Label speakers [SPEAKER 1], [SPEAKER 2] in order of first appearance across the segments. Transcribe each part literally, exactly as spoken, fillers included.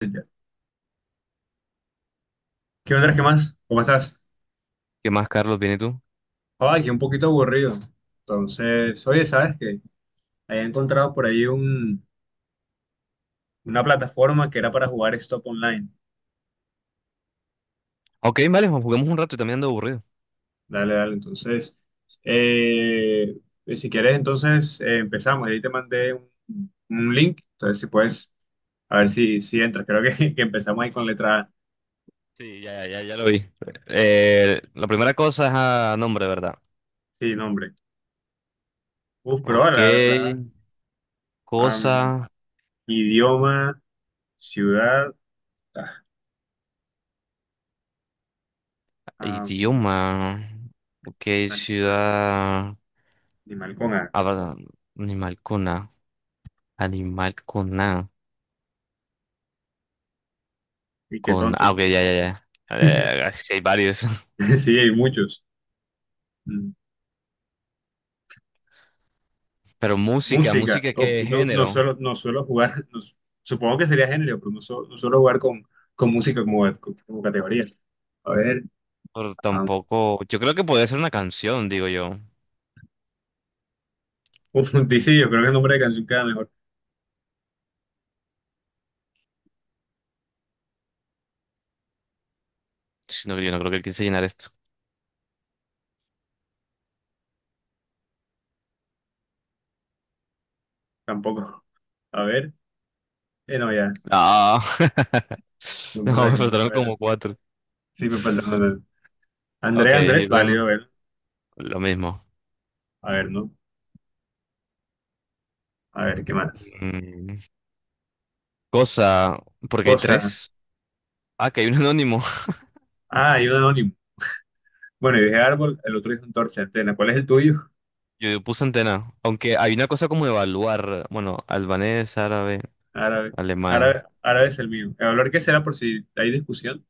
[SPEAKER 1] Ya. ¿Qué onda? ¿Qué más? ¿Cómo estás?
[SPEAKER 2] ¿Qué más, Carlos? ¿Viene tú?
[SPEAKER 1] Ay, que un poquito aburrido. Entonces, oye, ¿sabes qué? Había encontrado por ahí un, una plataforma que era para jugar Stop Online.
[SPEAKER 2] Ok, vale, jugamos un rato y también ando aburrido.
[SPEAKER 1] Dale, dale. Entonces, eh, si quieres, entonces eh, empezamos. Ahí te mandé un, un link. Entonces, si puedes, a ver si, si entras. Creo que, que empezamos ahí con letra A.
[SPEAKER 2] Sí, ya, ya, ya lo vi. Eh, la primera cosa es a nombre, ¿verdad?
[SPEAKER 1] Sí, nombre. Uf, pero
[SPEAKER 2] Ok,
[SPEAKER 1] ahora, la, la- am,
[SPEAKER 2] cosa,
[SPEAKER 1] idioma, ciudad, ah, am,
[SPEAKER 2] idioma. Ok,
[SPEAKER 1] animal,
[SPEAKER 2] ciudad.
[SPEAKER 1] animal con A.
[SPEAKER 2] Ah, perdón, animal con A. Animal con A.
[SPEAKER 1] Y qué
[SPEAKER 2] Con ah,
[SPEAKER 1] tontos.
[SPEAKER 2] ok, ya, ya, ya. Eh, sí, hay varios.
[SPEAKER 1] Sí, hay muchos. Mm.
[SPEAKER 2] Pero música,
[SPEAKER 1] Música.
[SPEAKER 2] música,
[SPEAKER 1] Uf,
[SPEAKER 2] ¿qué
[SPEAKER 1] no, no
[SPEAKER 2] género?
[SPEAKER 1] suelo, no suelo jugar, no su- supongo que sería género, pero no, su- no suelo jugar con, con música como, como categoría. A ver,
[SPEAKER 2] Pero
[SPEAKER 1] ah,
[SPEAKER 2] tampoco. Yo creo que podría ser una canción, digo yo.
[SPEAKER 1] uf, dice yo creo que el nombre de canción queda mejor.
[SPEAKER 2] Sí, no, yo no creo que él quise llenar esto.
[SPEAKER 1] Tampoco. A ver, eh, no, ya.
[SPEAKER 2] No.
[SPEAKER 1] No
[SPEAKER 2] No,
[SPEAKER 1] pasa
[SPEAKER 2] me
[SPEAKER 1] que me- a
[SPEAKER 2] faltaron
[SPEAKER 1] ver,
[SPEAKER 2] como cuatro.
[SPEAKER 1] sí me falta una. Andrés,
[SPEAKER 2] Ok,
[SPEAKER 1] Andrés,
[SPEAKER 2] yo tengo
[SPEAKER 1] válido, a ver.
[SPEAKER 2] lo mismo.
[SPEAKER 1] A ver, ¿no? A ver, ¿qué más?
[SPEAKER 2] Mm, cosa, porque hay
[SPEAKER 1] Cosa.
[SPEAKER 2] tres. Ah, que hay un anónimo.
[SPEAKER 1] Ah, hay un anónimo. Bueno, yo dije árbol, el otro dijo antorcha, antena. ¿Cuál es el tuyo?
[SPEAKER 2] Yo puse antena. Aunque hay una cosa como evaluar. Bueno, albanés, árabe,
[SPEAKER 1] Árabe. Árabe,
[SPEAKER 2] alemán.
[SPEAKER 1] árabe es el mío. El valor que será por si hay discusión.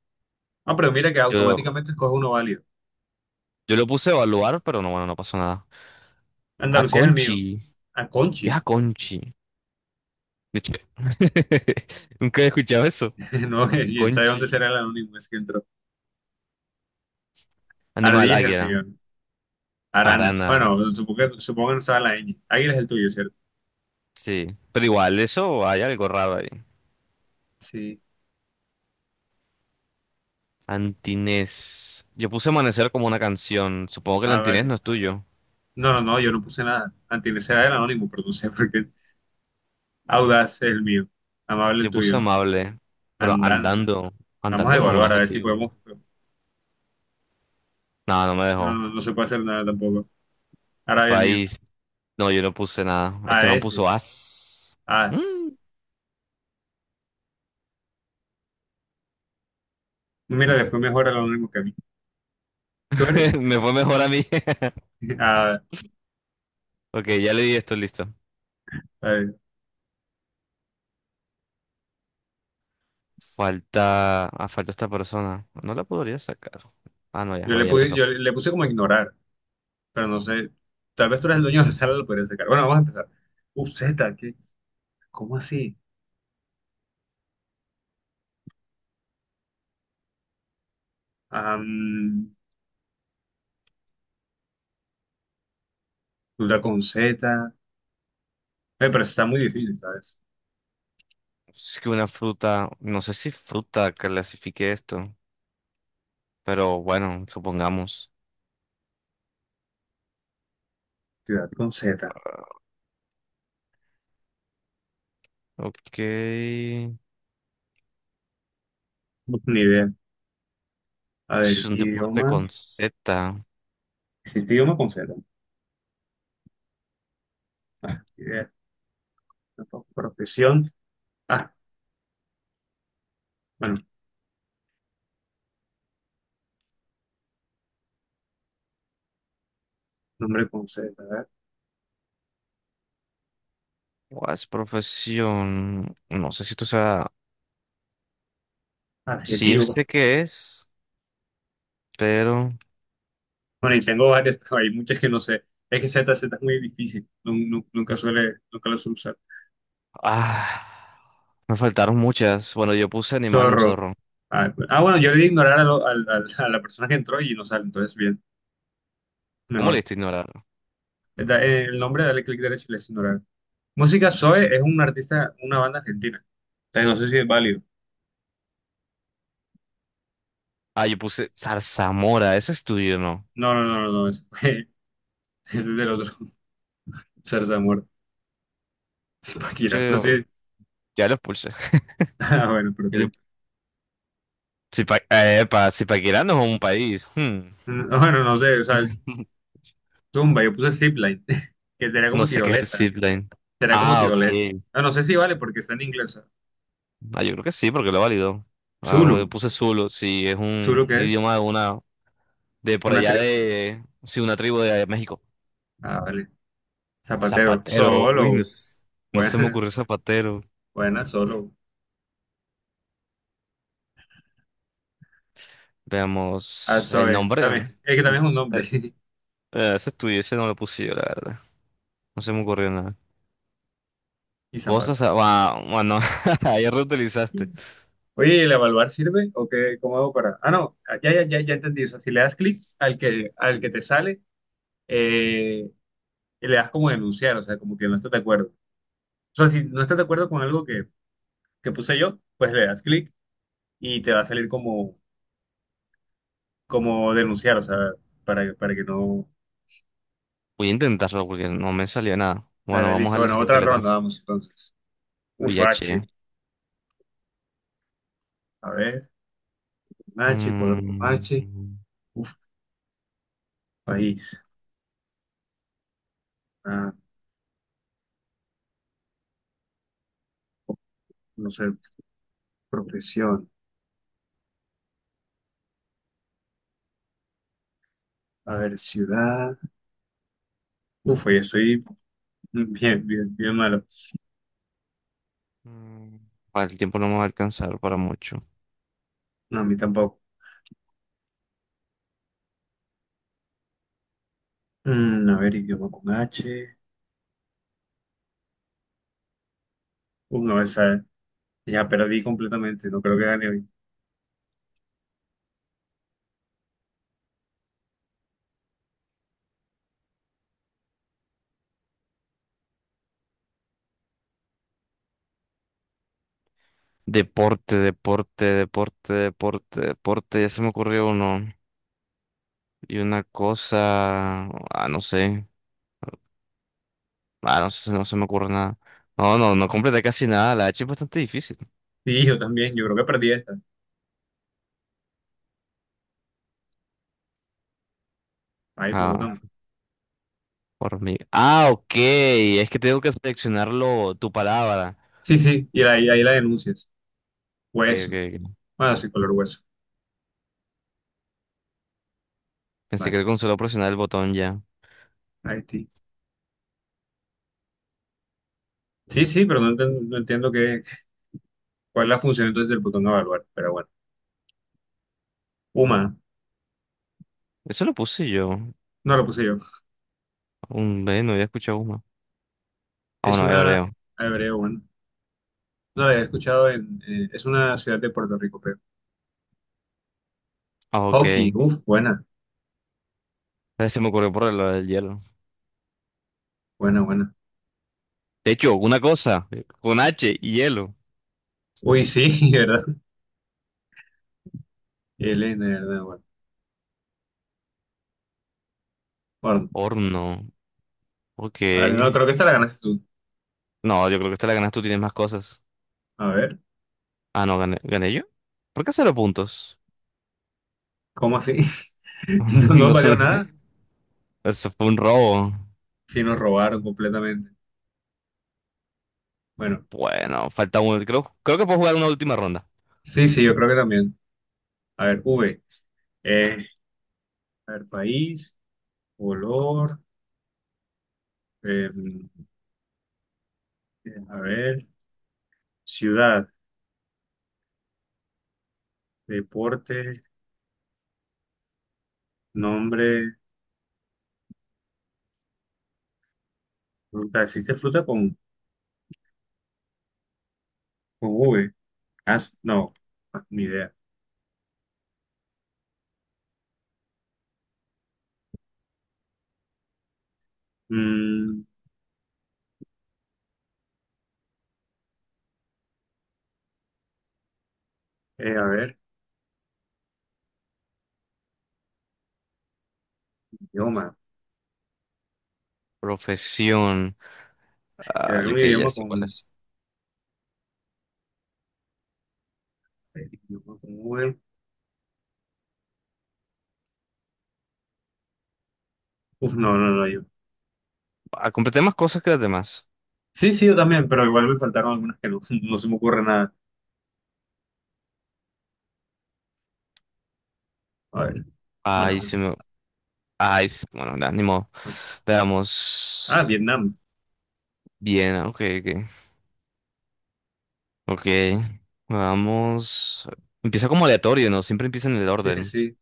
[SPEAKER 1] Ah, pero mira que
[SPEAKER 2] Yo,
[SPEAKER 1] automáticamente escoge uno válido.
[SPEAKER 2] yo lo puse evaluar, pero no, bueno, no pasó nada.
[SPEAKER 1] Andalucía es el mío.
[SPEAKER 2] Aconchi.
[SPEAKER 1] A
[SPEAKER 2] ¿Qué es
[SPEAKER 1] Conchi.
[SPEAKER 2] Aconchi? De hecho, nunca he escuchado eso.
[SPEAKER 1] No, y sabe dónde
[SPEAKER 2] Aconchi.
[SPEAKER 1] será el anónimo, es que entró.
[SPEAKER 2] Animal,
[SPEAKER 1] Ardilla es el
[SPEAKER 2] águila,
[SPEAKER 1] mío. Arana.
[SPEAKER 2] arana.
[SPEAKER 1] Bueno, supongo que, supongo que no estaba la ñ. Águila es el tuyo, ¿cierto?
[SPEAKER 2] Sí. Pero igual, eso hay algo raro ahí.
[SPEAKER 1] Sí.
[SPEAKER 2] Antinés. Yo puse amanecer como una canción. Supongo que el
[SPEAKER 1] Ah,
[SPEAKER 2] antinés
[SPEAKER 1] vale.
[SPEAKER 2] no es tuyo.
[SPEAKER 1] No, no, no, yo no puse nada. Antilés era el anónimo, pero no sé por qué. Audaz es el mío. Amable el
[SPEAKER 2] Yo
[SPEAKER 1] tuyo,
[SPEAKER 2] puse
[SPEAKER 1] ¿no?
[SPEAKER 2] amable, pero
[SPEAKER 1] Andando.
[SPEAKER 2] andando.
[SPEAKER 1] Vamos a
[SPEAKER 2] Andando no es un
[SPEAKER 1] evaluar a ver si
[SPEAKER 2] adjetivo.
[SPEAKER 1] podemos.
[SPEAKER 2] No, no me
[SPEAKER 1] No,
[SPEAKER 2] dejó.
[SPEAKER 1] no, no se puede hacer nada tampoco. Ahora el mío.
[SPEAKER 2] País. No, yo no puse nada. Este
[SPEAKER 1] A
[SPEAKER 2] man
[SPEAKER 1] S,
[SPEAKER 2] puso as.
[SPEAKER 1] a ese.
[SPEAKER 2] Mm.
[SPEAKER 1] Mira, le fue mejor a lo único que a mí. Tú eres.
[SPEAKER 2] Me fue mejor a mí.
[SPEAKER 1] Ah,
[SPEAKER 2] Ok, ya le di esto, listo.
[SPEAKER 1] a ver,
[SPEAKER 2] Falta. Ah, falta esta persona. No la podría sacar. Ah, no, ya.
[SPEAKER 1] yo
[SPEAKER 2] Bueno,
[SPEAKER 1] le
[SPEAKER 2] ya
[SPEAKER 1] puse,
[SPEAKER 2] empezó.
[SPEAKER 1] yo le le puse como ignorar, pero no sé. Tal vez tú eres el dueño de la sala, lo podrías sacar. Bueno, vamos a empezar. u zeta, ¿qué? ¿Cómo así? Am, duda con Z. Eh, pero está muy difícil, ¿sabes?
[SPEAKER 2] Es que una fruta. No sé si fruta clasifique esto. Pero bueno, supongamos.
[SPEAKER 1] Ciudad con Z.
[SPEAKER 2] Ok. Es
[SPEAKER 1] Ni idea. A ver,
[SPEAKER 2] un deporte
[SPEAKER 1] idioma.
[SPEAKER 2] con Z.
[SPEAKER 1] ¿Existe idioma con Z? Ah, ni idea. Tampoco. Profesión. Ah, bueno, nombre con Z. A ver.
[SPEAKER 2] ¿Cuál es profesión? No sé si tú sabes. Sí,
[SPEAKER 1] Adjetivo.
[SPEAKER 2] usted qué es, pero.
[SPEAKER 1] Bueno, y tengo varias, pero hay muchas que no sé. Es que Z, Z es muy difícil. nun- nun- Nunca suele, nunca lo suele usar.
[SPEAKER 2] Ah, me faltaron muchas. Bueno, yo puse animal, un
[SPEAKER 1] Zorro.
[SPEAKER 2] zorro.
[SPEAKER 1] Ah, pues- ah, bueno, yo le di ignorar a, lo- al- al- a la persona que entró y no sale, entonces bien,
[SPEAKER 2] ¿Cómo le
[SPEAKER 1] mejor.
[SPEAKER 2] diste a ignorar?
[SPEAKER 1] Eh, Da- eh, el nombre, dale clic derecho y le das ignorar. Música Zoe es un artista, una banda argentina. Entonces no sé si es válido.
[SPEAKER 2] Ah, yo puse zarzamora. Eso es tuyo, ¿no?
[SPEAKER 1] No, no, no, no, no, es fue- ese es del otro. Zarzamora. Shakira. No
[SPEAKER 2] Yo
[SPEAKER 1] sé.
[SPEAKER 2] ya lo puse.
[SPEAKER 1] Ah, bueno, perfecto.
[SPEAKER 2] Zipa, eh, pa Zipaquirá no es un país. Hmm.
[SPEAKER 1] Mm, bueno, no sé, o sea, tumba, yo puse zipline, que sería
[SPEAKER 2] No
[SPEAKER 1] como
[SPEAKER 2] sé qué es el
[SPEAKER 1] tirolesa.
[SPEAKER 2] zipline.
[SPEAKER 1] Será como
[SPEAKER 2] Ah, ok.
[SPEAKER 1] tirolesa. No, no sé si vale porque está en inglés.
[SPEAKER 2] Ah, yo creo que sí, porque lo válido. Ah, bueno, yo
[SPEAKER 1] Zulu.
[SPEAKER 2] puse Zulu, si es
[SPEAKER 1] ¿Zulu
[SPEAKER 2] un
[SPEAKER 1] qué es?
[SPEAKER 2] idioma de una, de por
[SPEAKER 1] Una
[SPEAKER 2] allá
[SPEAKER 1] tribu.
[SPEAKER 2] de, sí, una tribu de México.
[SPEAKER 1] Ah, vale. Zapatero.
[SPEAKER 2] Zapatero, uy, no,
[SPEAKER 1] Solo.
[SPEAKER 2] s- no se me
[SPEAKER 1] Buena,
[SPEAKER 2] ocurrió Zapatero.
[SPEAKER 1] buena, solo. Ah,
[SPEAKER 2] Veamos, el
[SPEAKER 1] Zoe.
[SPEAKER 2] nombre, ¿no?
[SPEAKER 1] También. Es que
[SPEAKER 2] Mm,
[SPEAKER 1] también es un nombre.
[SPEAKER 2] eh, eh, Ese estudio, ese no lo puse yo, la verdad. No se me ocurrió nada.
[SPEAKER 1] Y zapato.
[SPEAKER 2] Cosas, a- ah, va- bueno, ayer reutilizaste.
[SPEAKER 1] Oye, ¿y el evaluar sirve? ¿O qué? ¿Cómo hago para...? Ah, no. ah, Ya, ya, ya, ya entendí. O sea, si le das clic al que, al que te sale, eh, y le das como denunciar. O sea, como que no estás de acuerdo. O sea, si no estás de acuerdo con algo que, que puse yo, pues le das clic y te va a salir como... como denunciar, o sea, para, para que no...
[SPEAKER 2] Voy a intentarlo porque no me salió nada. Bueno,
[SPEAKER 1] Dale,
[SPEAKER 2] vamos
[SPEAKER 1] listo.
[SPEAKER 2] a la
[SPEAKER 1] Bueno,
[SPEAKER 2] siguiente
[SPEAKER 1] otra
[SPEAKER 2] letra.
[SPEAKER 1] ronda, vamos entonces.
[SPEAKER 2] Uy,
[SPEAKER 1] Uf, H.
[SPEAKER 2] H.
[SPEAKER 1] A ver, con H, color con
[SPEAKER 2] Mm,
[SPEAKER 1] H.
[SPEAKER 2] mm,
[SPEAKER 1] Uf, país. Ah, no sé, profesión. A ver, ciudad. Uf, yo estoy bien, bien, bien malo.
[SPEAKER 2] mm. Ah, el tiempo no me va a alcanzar para mucho.
[SPEAKER 1] No, a mí tampoco. Mm, a ver, idioma con H. Uf, no, esa ya perdí completamente. No creo que gane hoy.
[SPEAKER 2] Deporte, deporte, deporte, deporte, deporte. Ya se me ocurrió uno. Y una cosa. Ah, no sé. Ah, no sé, no se me ocurre nada. No, no, no completé casi nada. La H es bastante difícil.
[SPEAKER 1] Sí, yo también. Yo creo que perdí esta. Ahí,
[SPEAKER 2] Ah,
[SPEAKER 1] Bogotá.
[SPEAKER 2] por mí. Ah, ok. Es que tengo que seleccionarlo, tu palabra.
[SPEAKER 1] Sí, sí, y ahí, ahí la denuncias. Hueso.
[SPEAKER 2] Que
[SPEAKER 1] Ah, sí, color hueso.
[SPEAKER 2] Pensé
[SPEAKER 1] Vale.
[SPEAKER 2] que con solo presionar el botón ya.
[SPEAKER 1] Haití. Sí, sí, pero no entiendo, no entiendo qué, cuál es la función entonces del botón evaluar, pero bueno. Uma,
[SPEAKER 2] Eso lo puse yo.
[SPEAKER 1] no lo puse yo.
[SPEAKER 2] Un B, no había escuchado uno. Ah,
[SPEAKER 1] Es
[SPEAKER 2] bueno,
[SPEAKER 1] una
[SPEAKER 2] hebreo.
[SPEAKER 1] hebreo, bueno. No la había escuchado en, eh, es una ciudad de Puerto Rico, creo.
[SPEAKER 2] Ah, ok. Eh,
[SPEAKER 1] Hockey, uff, buena,
[SPEAKER 2] Se me ocurrió por lo del hielo.
[SPEAKER 1] buena, buena.
[SPEAKER 2] De hecho, una cosa. Con H y hielo.
[SPEAKER 1] Uy, sí, ¿verdad? Elena, ¿verdad? Bueno, bueno.
[SPEAKER 2] Horno. Ok.
[SPEAKER 1] A ver, no, creo que esta la ganaste tú.
[SPEAKER 2] No, yo creo que esta la ganas tú, tienes más cosas.
[SPEAKER 1] A ver,
[SPEAKER 2] Ah, no, gané, ¿gané yo? ¿Por qué cero puntos?
[SPEAKER 1] ¿cómo así? No, no
[SPEAKER 2] No
[SPEAKER 1] valió
[SPEAKER 2] sé,
[SPEAKER 1] nada,
[SPEAKER 2] eso fue un robo.
[SPEAKER 1] sí nos robaron completamente. Bueno,
[SPEAKER 2] Bueno, falta uno. Creo, creo que puedo jugar una última ronda.
[SPEAKER 1] sí, sí, yo creo que también. A ver, V. Eh, a ver, país, color, eh, bien, a ver, ciudad, deporte, nombre, fruta. ¿Existe fruta con, con V? Ah, s- no, ah, ni idea. Mm, eh, a ver, idioma.
[SPEAKER 2] Profesión. Ah,
[SPEAKER 1] ¿Era
[SPEAKER 2] yo
[SPEAKER 1] un
[SPEAKER 2] que ya
[SPEAKER 1] idioma
[SPEAKER 2] sé cuál
[SPEAKER 1] con,
[SPEAKER 2] es.
[SPEAKER 1] eh, idioma con V? Uf, no, no, no, yo.
[SPEAKER 2] Ah, completé más cosas que las demás.
[SPEAKER 1] Sí, sí, yo también, pero igual me faltaron algunas que no, no se me ocurre nada. A ver, bueno,
[SPEAKER 2] Ay, se
[SPEAKER 1] vamos.
[SPEAKER 2] me... Ay, se- bueno, nada, ni modo.
[SPEAKER 1] Ah,
[SPEAKER 2] Veamos.
[SPEAKER 1] Vietnam.
[SPEAKER 2] Bien, ah, ok, ok. Ok. Vamos. Empieza como aleatorio, ¿no? Siempre empieza en el
[SPEAKER 1] Sí,
[SPEAKER 2] orden.
[SPEAKER 1] sí,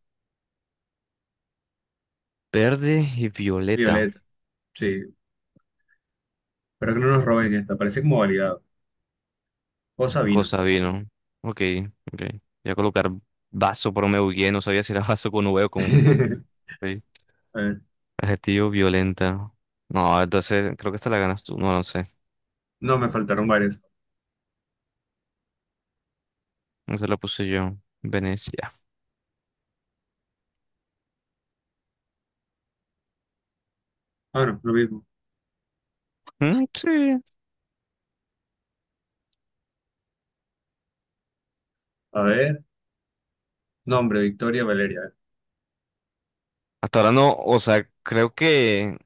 [SPEAKER 2] Verde y violeta.
[SPEAKER 1] Violeta. Sí, pero que no nos roben esta, parece como validado. Cosa vino.
[SPEAKER 2] Cosa vino. Ok, ok. Voy a colocar vaso, pero me bugueé. No sabía si era vaso con V o con V.
[SPEAKER 1] A ver,
[SPEAKER 2] Adjetivo violenta. No, entonces creo que esta la ganas tú. No, no sé.
[SPEAKER 1] no, me faltaron varias.
[SPEAKER 2] No se la puse yo. Venecia.
[SPEAKER 1] Bueno, lo mismo.
[SPEAKER 2] Mm, sí.
[SPEAKER 1] A ver. Nombre, Victoria Valeria.
[SPEAKER 2] Hasta ahora no. O sea, creo que.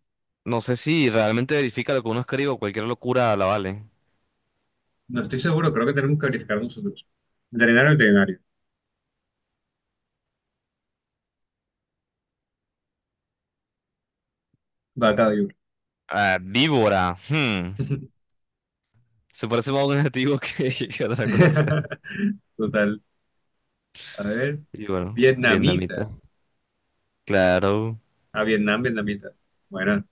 [SPEAKER 2] No sé si realmente verifica lo que uno escribe o cualquier locura la vale.
[SPEAKER 1] No estoy seguro, creo que tenemos que verificar nosotros. Veterinario, veterinario. Vaca de oro.
[SPEAKER 2] Ah, víbora, hmm. Se parece más a un adjetivo que, que otra cosa.
[SPEAKER 1] Total. A ver.
[SPEAKER 2] Y bueno,
[SPEAKER 1] Vietnamita.
[SPEAKER 2] vietnamita. Claro.
[SPEAKER 1] A Vietnam, vietnamita. Bueno.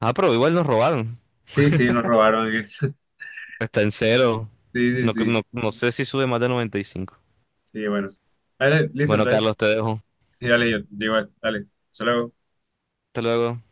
[SPEAKER 2] Ah, pero igual nos robaron.
[SPEAKER 1] Sí, sí, nos robaron eso.
[SPEAKER 2] Está en cero.
[SPEAKER 1] Sí, sí,
[SPEAKER 2] No,
[SPEAKER 1] sí.
[SPEAKER 2] no, no sé si sube más de noventa y cinco.
[SPEAKER 1] Sí, bueno. Dale, listo,
[SPEAKER 2] Bueno,
[SPEAKER 1] entonces.
[SPEAKER 2] Carlos, te dejo.
[SPEAKER 1] Sí, dale, yo. Igual, dale. Solo
[SPEAKER 2] Hasta luego.